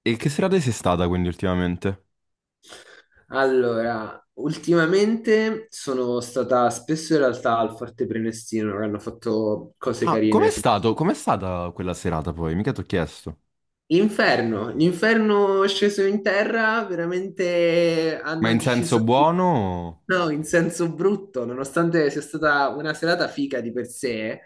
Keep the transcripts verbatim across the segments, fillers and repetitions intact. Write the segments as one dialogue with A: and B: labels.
A: E che serata sei stata quindi ultimamente?
B: Allora, ultimamente sono stata spesso in realtà al Forte Prenestino, che hanno fatto cose
A: Ah,
B: carine.
A: com'è stato? Com'è stata quella serata poi? Mica t'ho chiesto.
B: L'inferno, l'inferno è sceso in terra, veramente
A: Ma
B: hanno
A: in senso
B: deciso di...
A: buono? o-
B: No, in senso brutto, nonostante sia stata una serata figa di per sé,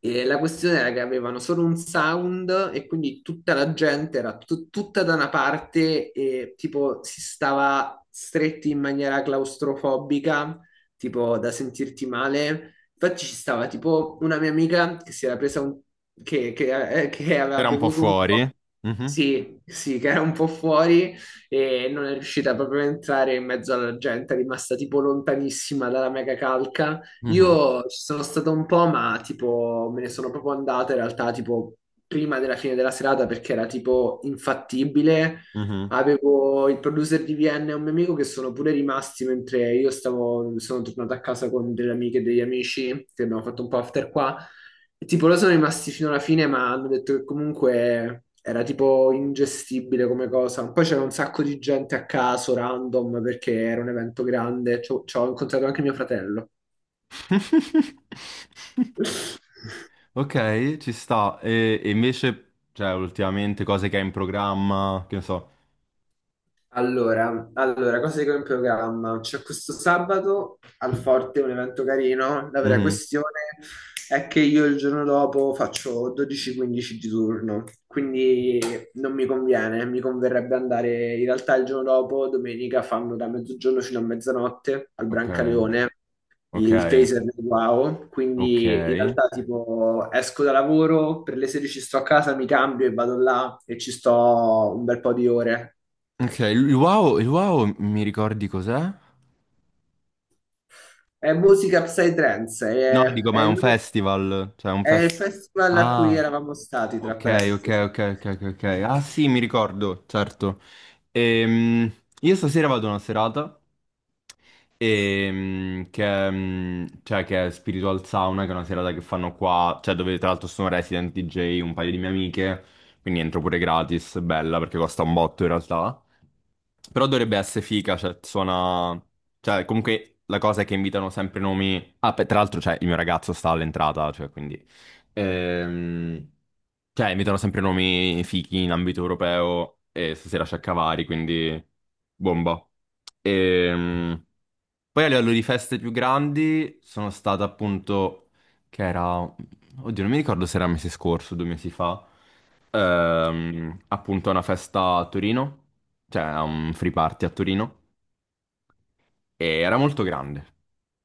B: eh, la questione era che avevano solo un sound e quindi tutta la gente era tut- tutta da una parte e tipo si stava stretti in maniera claustrofobica, tipo da sentirti male. Infatti ci stava tipo una mia amica che si era presa un... che, che- eh, che aveva
A: Era un po'
B: bevuto un
A: fuori?
B: po'.
A: Mhm,
B: Sì, sì, che era un po' fuori e non è riuscita proprio a entrare in mezzo alla gente, è rimasta tipo lontanissima dalla mega calca.
A: mhm,
B: Io ci sono stato un po', ma tipo me ne sono proprio andata in realtà tipo prima della fine della serata perché era tipo infattibile.
A: mhm.
B: Avevo il producer di Vienna e un mio amico che sono pure rimasti mentre io stavo, sono tornato a casa con delle amiche e degli amici che abbiamo fatto un po' after qua. E tipo loro sono rimasti fino alla fine, ma hanno detto che comunque era tipo ingestibile come cosa. Poi c'era un sacco di gente a caso, random, perché era un evento grande. Ci ho ci ho incontrato anche mio fratello.
A: Ok, ci sta. E, e invece, cioè, ultimamente cose che hai in programma, che ne so.
B: Allora, allora, cosa dico in programma? C'è questo sabato al Forte un evento carino. La vera
A: Mhm.
B: questione è che io il giorno dopo faccio dodici quindici di turno, quindi non mi conviene. Mi converrebbe andare in realtà il giorno dopo, domenica, fanno da mezzogiorno fino a mezzanotte al
A: Ok,
B: Brancaleone,
A: ok,
B: il taser del Wow.
A: ok.
B: Quindi in realtà, tipo, esco da lavoro, per le sedici sto a casa, mi cambio e vado là e ci sto un bel po' di ore.
A: Ok, il wow, il wow, mi ricordi cos'è?
B: È musica psytrance,
A: No,
B: è,
A: dico,
B: è
A: ma è
B: il,
A: un festival, cioè è un
B: è il
A: festival.
B: festival a cui
A: Ah.
B: eravamo stati, tra
A: Ok, ok,
B: parentesi.
A: ok, ok, ok. Ok. Ah sì, mi ricordo, certo. Ehm, io stasera vado a una serata, ehm, che, è, mm, cioè, che è Spiritual Sauna, che è una serata che fanno qua, cioè dove tra l'altro sono resident D J un paio di mie amiche, quindi entro pure gratis, bella perché costa un botto in realtà. Però dovrebbe essere figa, cioè, suona. Cioè, comunque la cosa è che invitano sempre nomi. Ah, beh, tra l'altro, cioè, il mio ragazzo sta all'entrata, cioè, quindi. Ehm... Cioè, invitano sempre nomi fighi in ambito europeo e stasera c'è Cavari, quindi. Bomba. Ehm... Poi a livello di feste più grandi sono stato appunto, che era, oddio non mi ricordo se era mese scorso, due mesi fa, ehm, appunto a una festa a Torino, cioè a un free party a Torino, e era molto grande.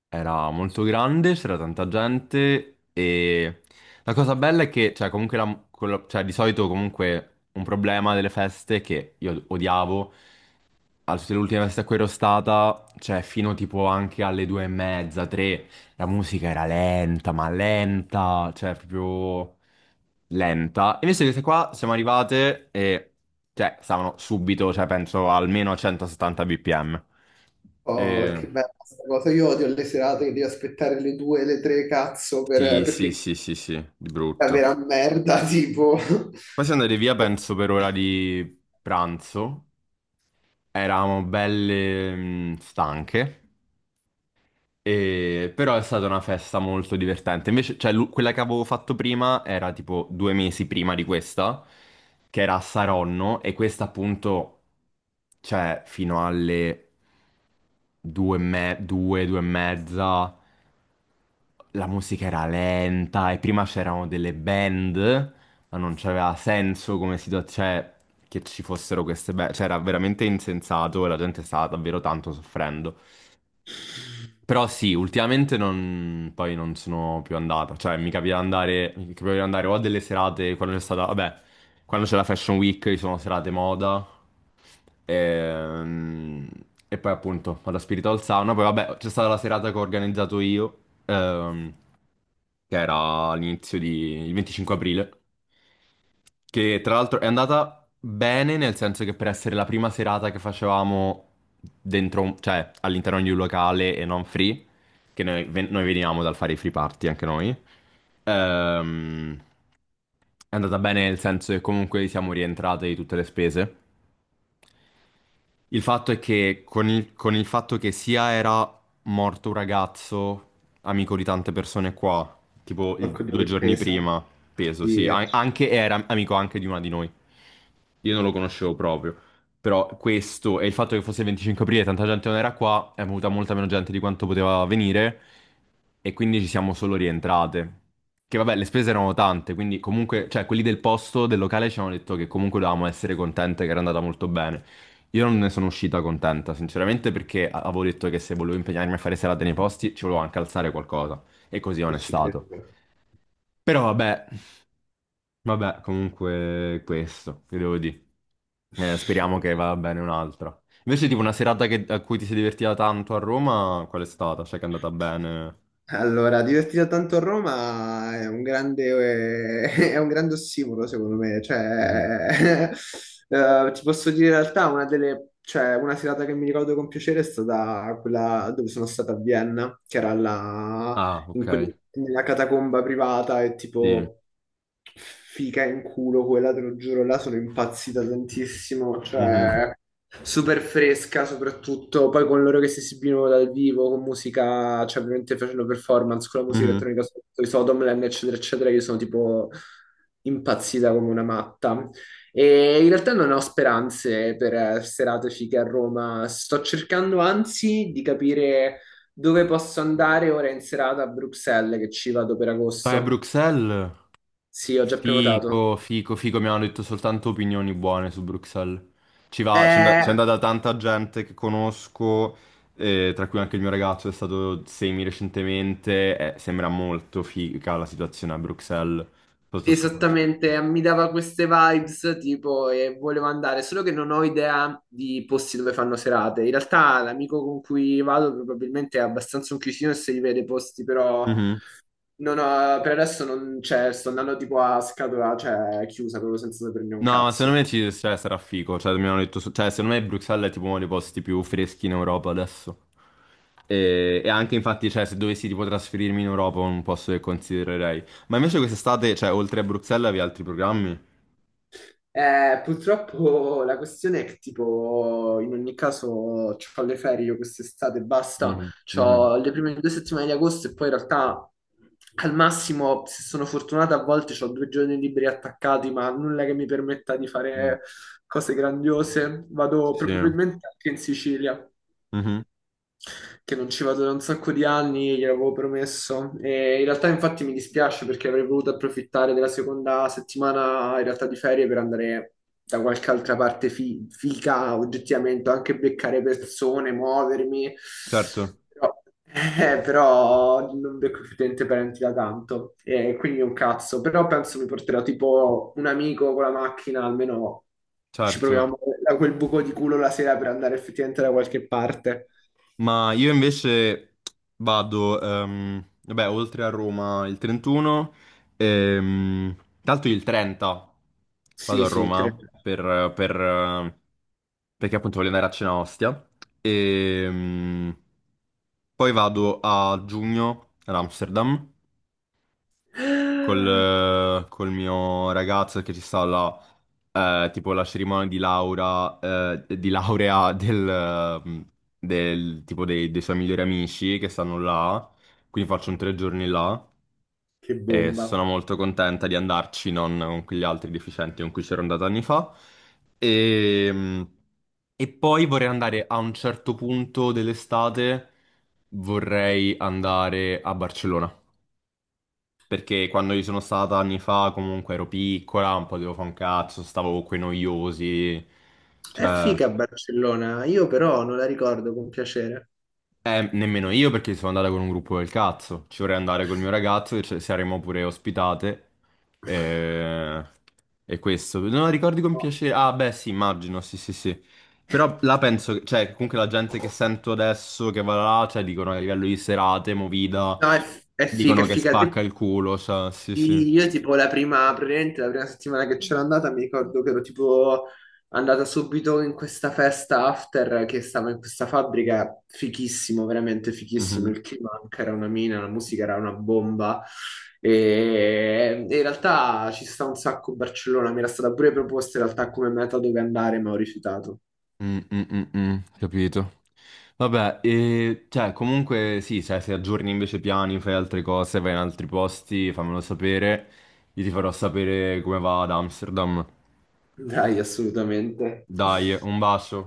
A: Era molto grande, c'era tanta gente e la cosa bella è che, cioè, comunque la- quello- cioè, di solito comunque un problema delle feste che io odiavo, a tutte le ultime feste a cui ero stata, cioè fino tipo anche alle due e mezza, tre, la musica era lenta, ma lenta, cioè proprio lenta. Invece queste qua siamo arrivate e, cioè, stavano subito, cioè penso almeno a centosettanta bpm.
B: Oh,
A: E...
B: che bella questa cosa. Io odio le serate che devi aspettare le due, le tre, cazzo,
A: Sì,
B: per-
A: sì,
B: perché
A: sì, sì, sì, di
B: è la
A: brutto.
B: vera merda, tipo.
A: Poi siamo andati via, penso, per ora di pranzo. Eravamo belle mh, stanche, e- però è stata una festa molto divertente. Invece, cioè, l'u- quella che avevo fatto prima era tipo due mesi prima di questa, che era a Saronno, e questa appunto, cioè, fino alle due, e me- due, due e mezza. La musica era lenta e prima c'erano delle band, ma non c'aveva senso come situazione, che ci fossero queste band. Cioè, era veramente insensato e la gente stava davvero tanto soffrendo. Però sì, ultimamente non, poi non sono più andato, cioè mi capita di andare, mi capita di andare o a delle serate quando c'è stata, vabbè, quando c'è la Fashion Week ci sono serate moda, ehm, e, poi appunto alla Spiritual Sauna, poi vabbè c'è stata la serata che ho organizzato io, ehm, che era all'inizio di, il venticinque aprile, che tra l'altro è andata bene, nel senso che per essere la prima serata che facevamo dentro, un- cioè all'interno di un locale e non free, che noi, ven- noi veniamo dal fare i free party anche noi, ehm, è andata bene nel senso che comunque siamo rientrate di tutte le spese. Il fatto è che con il, con il fatto che sia era morto un ragazzo, amico di tante persone qua, tipo il-
B: Porco Dio
A: due
B: che
A: giorni
B: pesa.
A: prima, peso,
B: Sì,
A: sì,
B: eh,
A: an- anche era amico anche di una di noi. Io non lo conoscevo proprio, però questo e il fatto che fosse il venticinque aprile e tanta gente non era qua, è venuta molta meno gente di quanto poteva venire e quindi ci siamo solo rientrate. Che vabbè, le spese erano tante, quindi comunque, cioè quelli del posto, del locale ci hanno detto che comunque dovevamo essere contente che era andata molto bene. Io non ne sono uscita contenta, sinceramente, perché a- avevo detto che se volevo impegnarmi a fare serate nei posti ci volevo anche alzare qualcosa. E così non
B: e
A: è
B: ci credo.
A: stato. Però vabbè, vabbè, comunque questo, che devo dire. Eh, speriamo che vada bene un'altra. Invece, tipo, una serata che- a cui ti sei divertita tanto a Roma, qual è stata? Cioè, che è andata bene?
B: Allora, divertito tanto a Roma è un grande, è un grande ossimoro, secondo me.
A: Mhm.
B: Cioè, eh, ti posso dire in realtà, una delle, cioè, una serata che mi ricordo con piacere è stata quella dove sono stata a Vienna, che era la
A: Ah,
B: in
A: ok.
B: quel- nella catacomba privata e
A: Sì.
B: tipo fica in culo quella, te lo giuro, là sono impazzita tantissimo,
A: Mhm.
B: cioè super fresca soprattutto, poi con loro che si esibivano dal vivo, con musica, cioè ovviamente facendo performance con la musica
A: Mhm.
B: elettronica sotto i Sodomland, eccetera, eccetera, io sono tipo impazzita come una matta. E in realtà non ho speranze per eh, serate fighe a Roma. Sto cercando anzi di capire dove posso andare ora in serata a Bruxelles che ci vado per
A: Vai a
B: agosto?
A: Bruxelles?
B: Sì, ho già prenotato.
A: Fico, fico, fico, mi hanno detto soltanto opinioni buone su Bruxelles. Ci va, c'è and- c'è
B: Eh,
A: andata tanta gente che conosco, eh, tra cui anche il mio ragazzo è stato semi recentemente, eh, sembra molto figa la situazione a Bruxelles sotto questo punto di
B: esattamente, mi dava queste vibes tipo e volevo andare, solo che non ho idea di posti dove fanno serate. In realtà l'amico con cui vado probabilmente è abbastanza un chiusino e si rivede i posti, però
A: vista.
B: non ho- per adesso non c'è, sto andando tipo a scatola, cioè chiusa, proprio senza saperne un
A: No, ma secondo
B: cazzo.
A: me ci, cioè, sarà figo. Cioè, mi hanno detto, su- cioè, secondo me Bruxelles è tipo uno dei posti più freschi in Europa adesso. E, e anche infatti, cioè, se dovessi tipo trasferirmi in Europa, è un posto che considererei. Ma invece quest'estate, cioè, oltre a Bruxelles, avevi altri programmi?
B: Eh, purtroppo la questione è che tipo in ogni caso ho le ferie io quest'estate, basta,
A: Mhm, mhm,
B: ho le prime due settimane di agosto e poi in realtà al massimo se sono fortunata a volte ho due giorni liberi attaccati ma nulla che mi permetta di
A: mhm.
B: fare cose grandiose, vado
A: Sì.
B: probabilmente anche in Sicilia
A: Mhm.
B: che non ci vado da un sacco di anni, gliel'avevo promesso. E in realtà, infatti, mi dispiace perché avrei voluto approfittare della seconda settimana, in realtà, di ferie per andare da qualche altra parte fi- figa, oggettivamente, anche beccare persone, muovermi.
A: Certo,
B: Però, eh, però non becco effettivamente parenti da tanto, e quindi un cazzo. Però penso mi porterò tipo un amico con la macchina, almeno ci
A: certo.
B: proviamo da quel buco di culo la sera per andare effettivamente da qualche parte.
A: Ma io invece vado, ehm, vabbè, oltre a Roma il trentuno, ehm, tanto il trenta
B: Sì,
A: vado a
B: sì, tre.
A: Roma per, per, eh, perché appunto voglio andare a cena a Ostia. E poi vado a giugno ad Amsterdam col, col mio ragazzo che ci sta là, eh, tipo la cerimonia di laura, eh, di laurea del, mm, del- tipo dei, dei suoi migliori amici che stanno là, quindi faccio un tre giorni là
B: Che
A: e
B: bomba.
A: sono molto contenta di andarci, non con quegli altri deficienti con cui c'ero andata anni fa. E, mm, e poi vorrei andare a un certo punto dell'estate, vorrei andare a Barcellona. Perché quando io sono stata anni fa, comunque ero piccola, non potevo fare un cazzo, stavo con quei noiosi.
B: È
A: Cioè,
B: figa Barcellona, io però non la ricordo con piacere.
A: eh, nemmeno io perché sono andata con un gruppo del cazzo. Ci vorrei andare col mio ragazzo e ci saremmo pure ospitate. E e questo. Non ricordi con
B: No,
A: piacere. Ah, beh, sì, immagino, sì, sì, sì. Però la penso, che- cioè, comunque la gente che sento adesso che va là, cioè, dicono che a livello di serate, movida,
B: no, è, è figa,
A: dicono
B: è
A: che
B: figa.
A: spacca
B: Te-
A: il culo, cioè, sì, sì.
B: Sì, io tipo la prima, praticamente la prima settimana che c'era andata mi ricordo che ero tipo andata subito in questa festa after che stava in questa fabbrica, fichissimo, veramente fichissimo,
A: Mhm.
B: il clima anche era una mina, la musica era una bomba e, e in realtà ci sta un sacco Barcellona, mi era stata pure proposta in realtà come meta dove andare ma ho rifiutato.
A: Mm, mm, mm, mm, capito. Vabbè, e cioè, comunque sì, cioè, se aggiorni invece piani, fai altre cose, vai in altri posti, fammelo sapere. Io ti farò sapere come va ad Amsterdam.
B: Dai, assolutamente.
A: Dai, un bacio.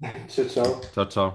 B: Ciao ciao.
A: Ciao ciao.